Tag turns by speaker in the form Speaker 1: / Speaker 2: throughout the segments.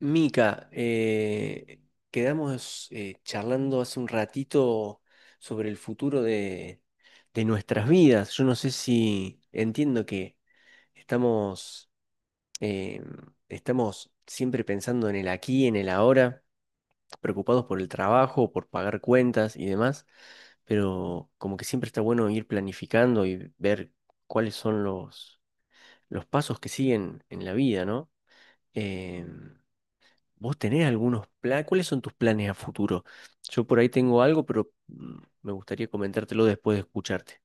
Speaker 1: Mica, quedamos charlando hace un ratito sobre el futuro de nuestras vidas. Yo no sé si entiendo que estamos, eh, estamos siempre pensando en el aquí, en el ahora, preocupados por el trabajo, por pagar cuentas y demás, pero como que siempre está bueno ir planificando y ver cuáles son los pasos que siguen en la vida, ¿no? Em, ¿Vos tenés algunos planes? ¿Cuáles son tus planes a futuro? Yo por ahí tengo algo, pero me gustaría comentártelo después de escucharte.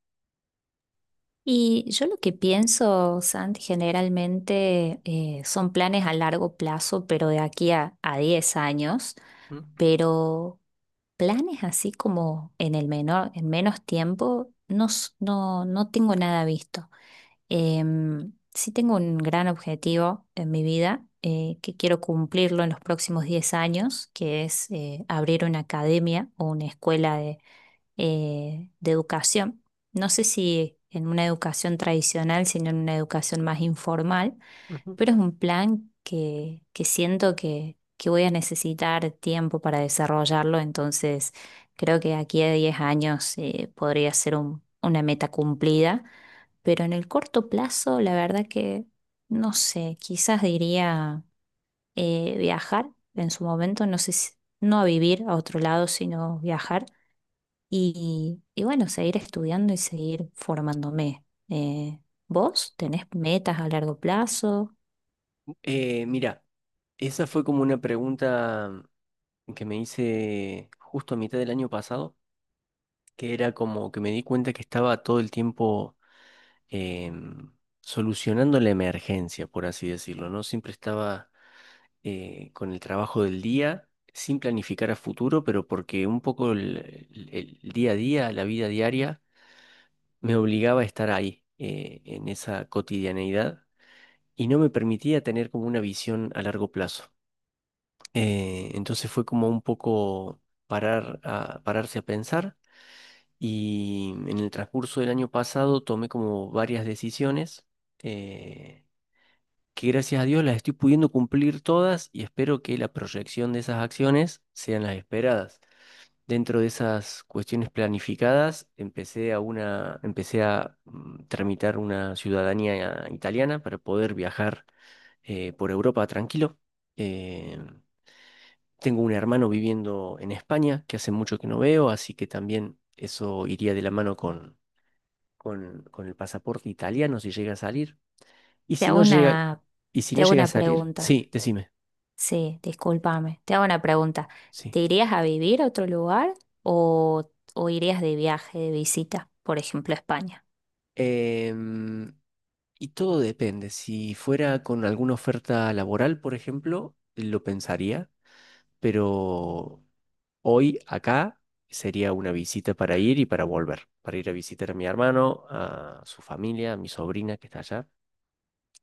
Speaker 2: Y yo lo que pienso, Santi, generalmente son planes a largo plazo, pero de aquí a 10 años,
Speaker 1: Mm.
Speaker 2: pero planes así como en el menor, en menos tiempo, no, no tengo nada visto. Sí tengo un gran objetivo en mi vida que quiero cumplirlo en los próximos 10 años, que es abrir una academia o una escuela de educación. No sé si en una educación tradicional, sino en una educación más informal,
Speaker 1: Ujú.
Speaker 2: pero es un plan que siento que voy a necesitar tiempo para desarrollarlo, entonces creo que aquí a 10 años podría ser una meta cumplida, pero en el corto plazo, la verdad que no sé, quizás diría viajar en su momento, no sé si... No a vivir a otro lado, sino viajar. Y bueno, seguir estudiando y seguir formándome. ¿Vos tenés metas a largo plazo?
Speaker 1: Mira, esa fue como una pregunta que me hice justo a mitad del año pasado, que era como que me di cuenta que estaba todo el tiempo em, solucionando la emergencia, por así decirlo, ¿no? Siempre estaba con el trabajo del día, sin planificar a futuro, pero porque un poco el día a día, la vida diaria, me obligaba a estar ahí, en esa cotidianeidad, y no me permitía tener como una visión a largo plazo. Entonces fue como un poco pararse a pensar, y en el transcurso del año pasado tomé como varias decisiones, eh, que gracias a Dios las estoy pudiendo cumplir todas y espero que la proyección de esas acciones sean las esperadas. Dentro de esas cuestiones planificadas, empecé a tramitar una ciudadanía italiana para poder viajar por Europa tranquilo. Eh, tengo un hermano viviendo en España que hace mucho que no veo, así que también eso iría de la mano con el pasaporte italiano si llega a salir. Y
Speaker 2: Te
Speaker 1: si
Speaker 2: hago
Speaker 1: no llega,
Speaker 2: una,
Speaker 1: y si no
Speaker 2: te hago
Speaker 1: llega a
Speaker 2: una
Speaker 1: salir,
Speaker 2: pregunta.
Speaker 1: sí, decime.
Speaker 2: Sí, discúlpame. Te hago una pregunta.
Speaker 1: Sí.
Speaker 2: ¿Te irías a vivir a otro lugar o, o irías de viaje, de visita, por ejemplo, a España?
Speaker 1: Em, y todo depende. Si fuera con alguna oferta laboral, por ejemplo, lo pensaría, pero hoy acá sería una visita para ir y para volver, para ir a visitar a mi hermano, a su familia, a mi sobrina que está allá.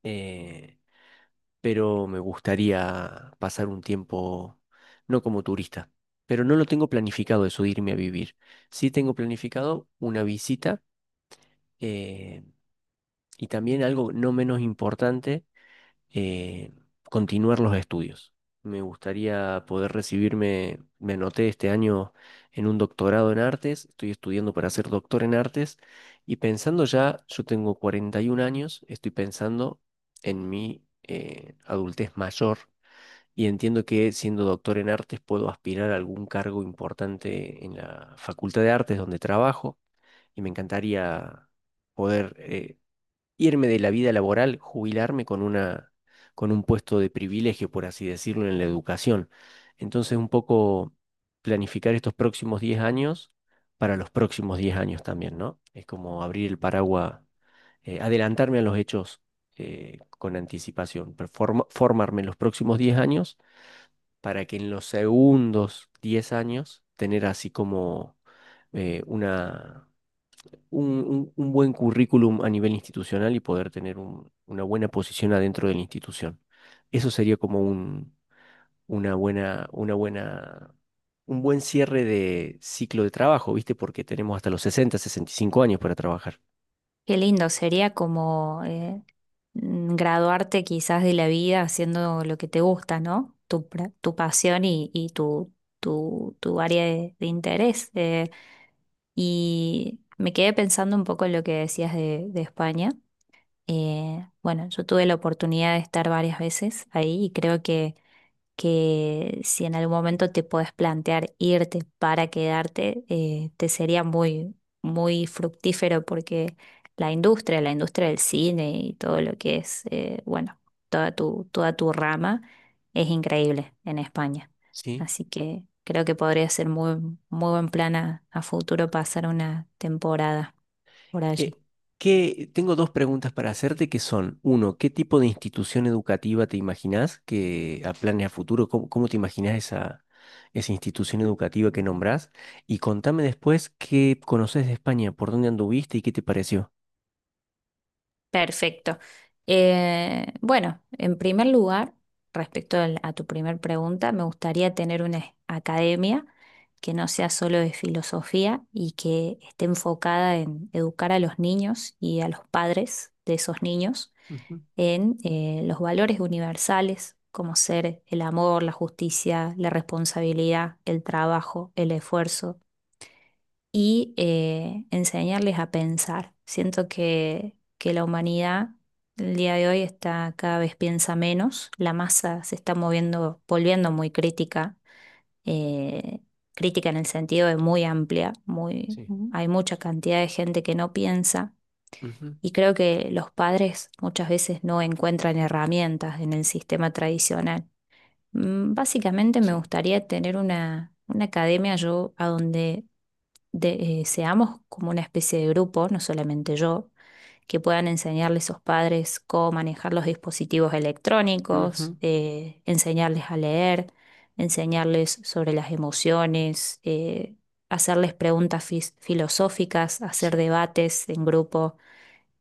Speaker 1: Eh, pero me gustaría pasar un tiempo no como turista, pero no lo tengo planificado eso de irme a vivir. Sí tengo planificado una visita. eh, Y también algo no menos importante, eh, continuar los estudios. Me gustaría poder recibirme, me anoté este año en un doctorado en artes, estoy estudiando para ser doctor en artes y pensando ya, yo tengo 41 años, estoy pensando en mi adultez mayor, y entiendo que siendo doctor en artes puedo aspirar a algún cargo importante en la Facultad de Artes donde trabajo y me encantaría poder irme de la vida laboral, jubilarme con un puesto de privilegio, por así decirlo, en la educación. Entonces, un poco planificar estos próximos 10 años para los próximos 10 años también, ¿no? Es como abrir el paraguas, adelantarme a los hechos con anticipación, pero formarme en los próximos 10 años para que en los segundos 10 años tener así como eh, una un buen currículum a nivel institucional y poder tener una buena posición adentro de la institución. Eso sería como un, una buena, un buen cierre de ciclo de trabajo, ¿viste? Porque tenemos hasta los 60, 65 años para trabajar.
Speaker 2: Qué lindo, sería como graduarte quizás de la vida haciendo lo que te gusta, ¿no? Tu pasión y tu área de interés. Y me quedé pensando un poco en lo que decías de España. Bueno, yo tuve la oportunidad de estar varias veces ahí y creo que si en algún momento te podés plantear irte para quedarte, te sería muy fructífero porque la industria del cine y todo lo que es, bueno, toda tu rama es increíble en España.
Speaker 1: Sí.
Speaker 2: Así que creo que podría ser muy buen plan a futuro pasar una temporada por allí.
Speaker 1: Eh, tengo dos preguntas para hacerte que son, uno, ¿qué tipo de institución educativa te imaginás que a planes a futuro, cómo te imaginás esa institución educativa que nombrás? Y contame después qué conoces de España, por dónde anduviste y qué te pareció.
Speaker 2: Perfecto. Bueno, en primer lugar, respecto a tu primer pregunta, me gustaría tener una academia que no sea solo de filosofía y que esté enfocada en educar a los niños y a los padres de esos niños
Speaker 1: Ujú.
Speaker 2: en los valores universales, como ser el amor, la justicia, la responsabilidad, el trabajo, el esfuerzo y enseñarles a pensar. Siento que la humanidad el día de hoy está cada vez piensa menos, la masa se está moviendo, volviendo muy crítica, eh, crítica en el sentido de muy amplia, muy,
Speaker 1: Sí.
Speaker 2: hay mucha cantidad de gente que no piensa.
Speaker 1: Ujú.
Speaker 2: Y creo que los padres muchas veces no encuentran herramientas en el sistema tradicional. Mm, básicamente me
Speaker 1: Sí.
Speaker 2: gustaría tener una academia yo a donde seamos como una especie de grupo, no solamente yo, que puedan enseñarle a esos padres cómo manejar los dispositivos electrónicos,
Speaker 1: Ujú.
Speaker 2: enseñarles a leer, enseñarles sobre las emociones, hacerles preguntas filosóficas, hacer
Speaker 1: Sí.
Speaker 2: debates en grupo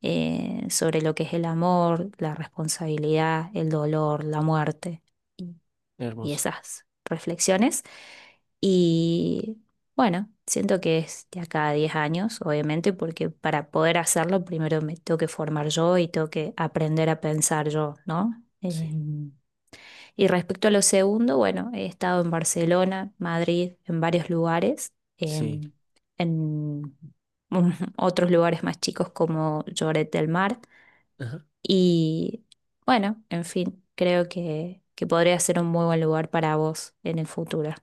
Speaker 2: sobre lo que es el amor, la responsabilidad, el dolor, la muerte y
Speaker 1: Hermoso.
Speaker 2: esas reflexiones. Y bueno, siento que es de acá a 10 años, obviamente, porque para poder hacerlo primero me tengo que formar yo y tengo que aprender a pensar yo, ¿no?
Speaker 1: Sí,
Speaker 2: Em, y respecto a lo segundo, bueno, he estado en Barcelona, Madrid, en varios lugares,
Speaker 1: sí.
Speaker 2: em, en otros lugares más chicos como Lloret del Mar y bueno, en fin, creo que podría ser un muy buen lugar para vos en el futuro.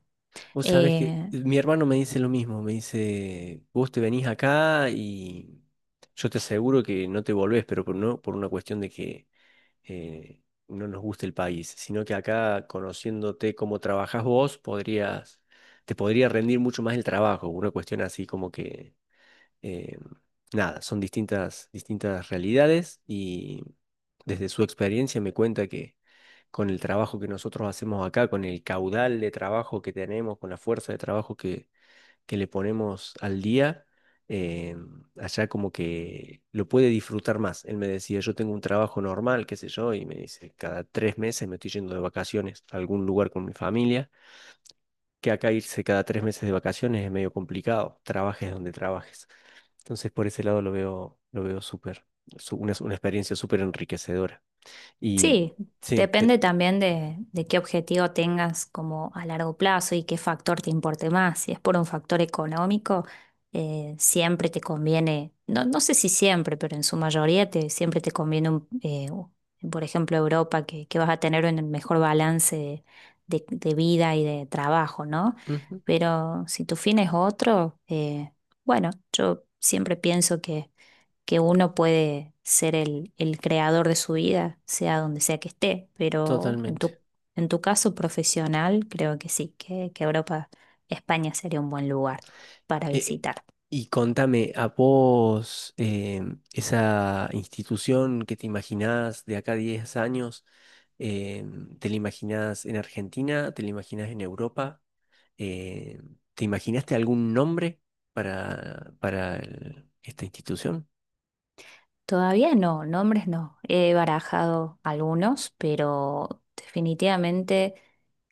Speaker 1: Vos sabés que
Speaker 2: Eh,
Speaker 1: mi hermano me dice lo mismo, me dice, vos te venís acá y yo te aseguro que no te volvés, pero por, no por una cuestión de que eh, no nos guste el país, sino que acá, conociéndote cómo trabajás vos, podrías, te podría rendir mucho más el trabajo. Una cuestión así como que eh, nada, son distintas, distintas realidades, y desde su experiencia me cuenta que con el trabajo que nosotros hacemos acá, con el caudal de trabajo que tenemos, con la fuerza de trabajo que le ponemos al día, eh, allá como que lo puede disfrutar más. Él me decía, yo tengo un trabajo normal, qué sé yo, y me dice, cada 3 meses me estoy yendo de vacaciones a algún lugar con mi familia, que acá irse cada 3 meses de vacaciones es medio complicado, trabajes donde trabajes. Entonces, por ese lado lo veo súper, una experiencia súper enriquecedora. Y
Speaker 2: Sí,
Speaker 1: sí.
Speaker 2: depende también de qué objetivo tengas como a largo plazo y qué factor te importe más. Si es por un factor económico, siempre te conviene, no, no sé si siempre, pero en su mayoría te, siempre te conviene, por ejemplo, Europa, que vas a tener un mejor balance de, de vida y de trabajo, ¿no?
Speaker 1: Ujú.
Speaker 2: Pero si tu fin es otro, bueno, yo siempre pienso que uno puede ser el creador de su vida, sea donde sea que esté, pero en
Speaker 1: Totalmente.
Speaker 2: en tu caso profesional, creo que sí, que Europa, España sería un buen lugar para
Speaker 1: Eh,
Speaker 2: visitar.
Speaker 1: y contame, ¿a vos esa institución que te imaginás de acá a 10 años, te la imaginás en Argentina, te la imaginás en Europa? ¿Te imaginaste algún nombre para esta institución?
Speaker 2: Todavía no, nombres no. He barajado algunos, pero definitivamente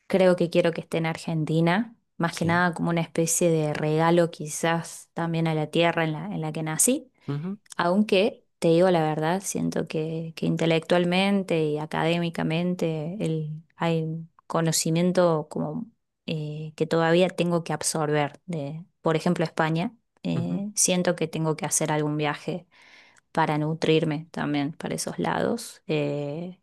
Speaker 2: creo que quiero que esté en Argentina, más que
Speaker 1: Sí.
Speaker 2: nada como una especie de regalo quizás también a la tierra en en la que nací.
Speaker 1: Ujú,
Speaker 2: Aunque te digo la verdad, siento que intelectualmente y académicamente el, hay conocimiento como que todavía tengo que absorber de, por ejemplo, España.
Speaker 1: ujú.
Speaker 2: Siento que tengo que hacer algún viaje para nutrirme también para esos lados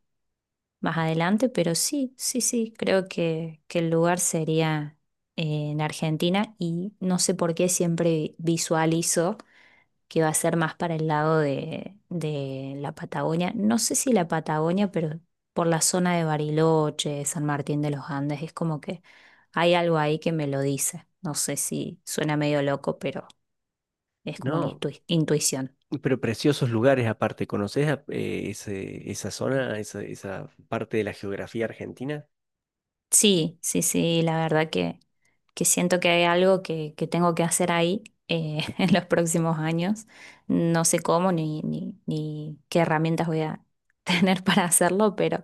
Speaker 2: más adelante, pero sí, creo que el lugar sería en Argentina y no sé por qué siempre visualizo que va a ser más para el lado de la Patagonia. No sé si la Patagonia, pero por la zona de Bariloche, San Martín de los Andes, es como que hay algo ahí que me lo dice. No sé si suena medio loco, pero es como una
Speaker 1: No.
Speaker 2: intuición.
Speaker 1: Pero preciosos lugares aparte, ¿conoces esa zona, esa parte de la geografía argentina?
Speaker 2: Sí, la verdad que siento que hay algo que tengo que hacer ahí en los próximos años. No sé cómo ni, ni, ni qué herramientas voy a tener para hacerlo,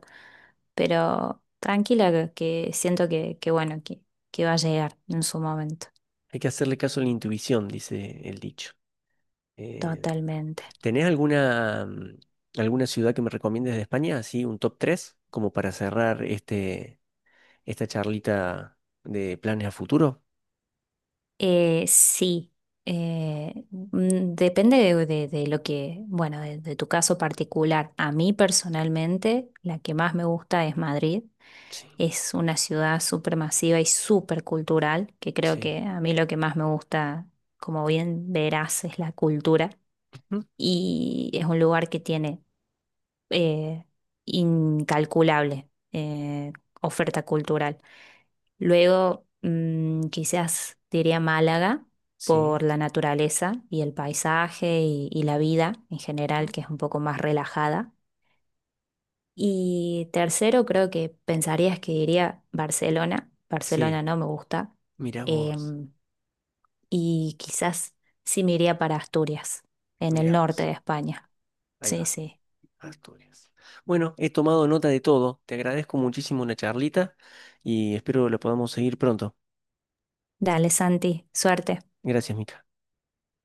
Speaker 2: pero tranquila que siento que bueno, que va a llegar en su momento,
Speaker 1: Hay que hacerle caso a la intuición, dice el dicho. Eh,
Speaker 2: totalmente.
Speaker 1: ¿tenés alguna, alguna ciudad que me recomiendes de España? Así, un top 3 como para cerrar esta charlita de planes a futuro.
Speaker 2: Sí, depende de, de lo que, bueno, de tu caso particular. A mí personalmente, la que más me gusta es Madrid.
Speaker 1: Sí,
Speaker 2: Es una ciudad súper masiva y súper cultural, que creo
Speaker 1: sí.
Speaker 2: que a mí lo que más me gusta, como bien verás, es la cultura.
Speaker 1: Ujú.
Speaker 2: Y es un lugar que tiene eh, incalculable oferta cultural. Luego, mm, quizás diría Málaga
Speaker 1: Sí,
Speaker 2: por la naturaleza y el paisaje y la vida en general,
Speaker 1: ujú,
Speaker 2: que es un poco más relajada. Y tercero, creo que pensarías que diría Barcelona. Barcelona
Speaker 1: sí.
Speaker 2: no me gusta.
Speaker 1: Mira vos,
Speaker 2: Em, y quizás sí me iría para Asturias, en el
Speaker 1: mira
Speaker 2: norte
Speaker 1: vos.
Speaker 2: de España.
Speaker 1: Ahí
Speaker 2: Sí,
Speaker 1: va.
Speaker 2: sí.
Speaker 1: Asturias. Bueno, he tomado nota de todo. Te agradezco muchísimo la charlita y espero la podamos seguir pronto.
Speaker 2: Dale, Santi, suerte.
Speaker 1: Gracias, Mica.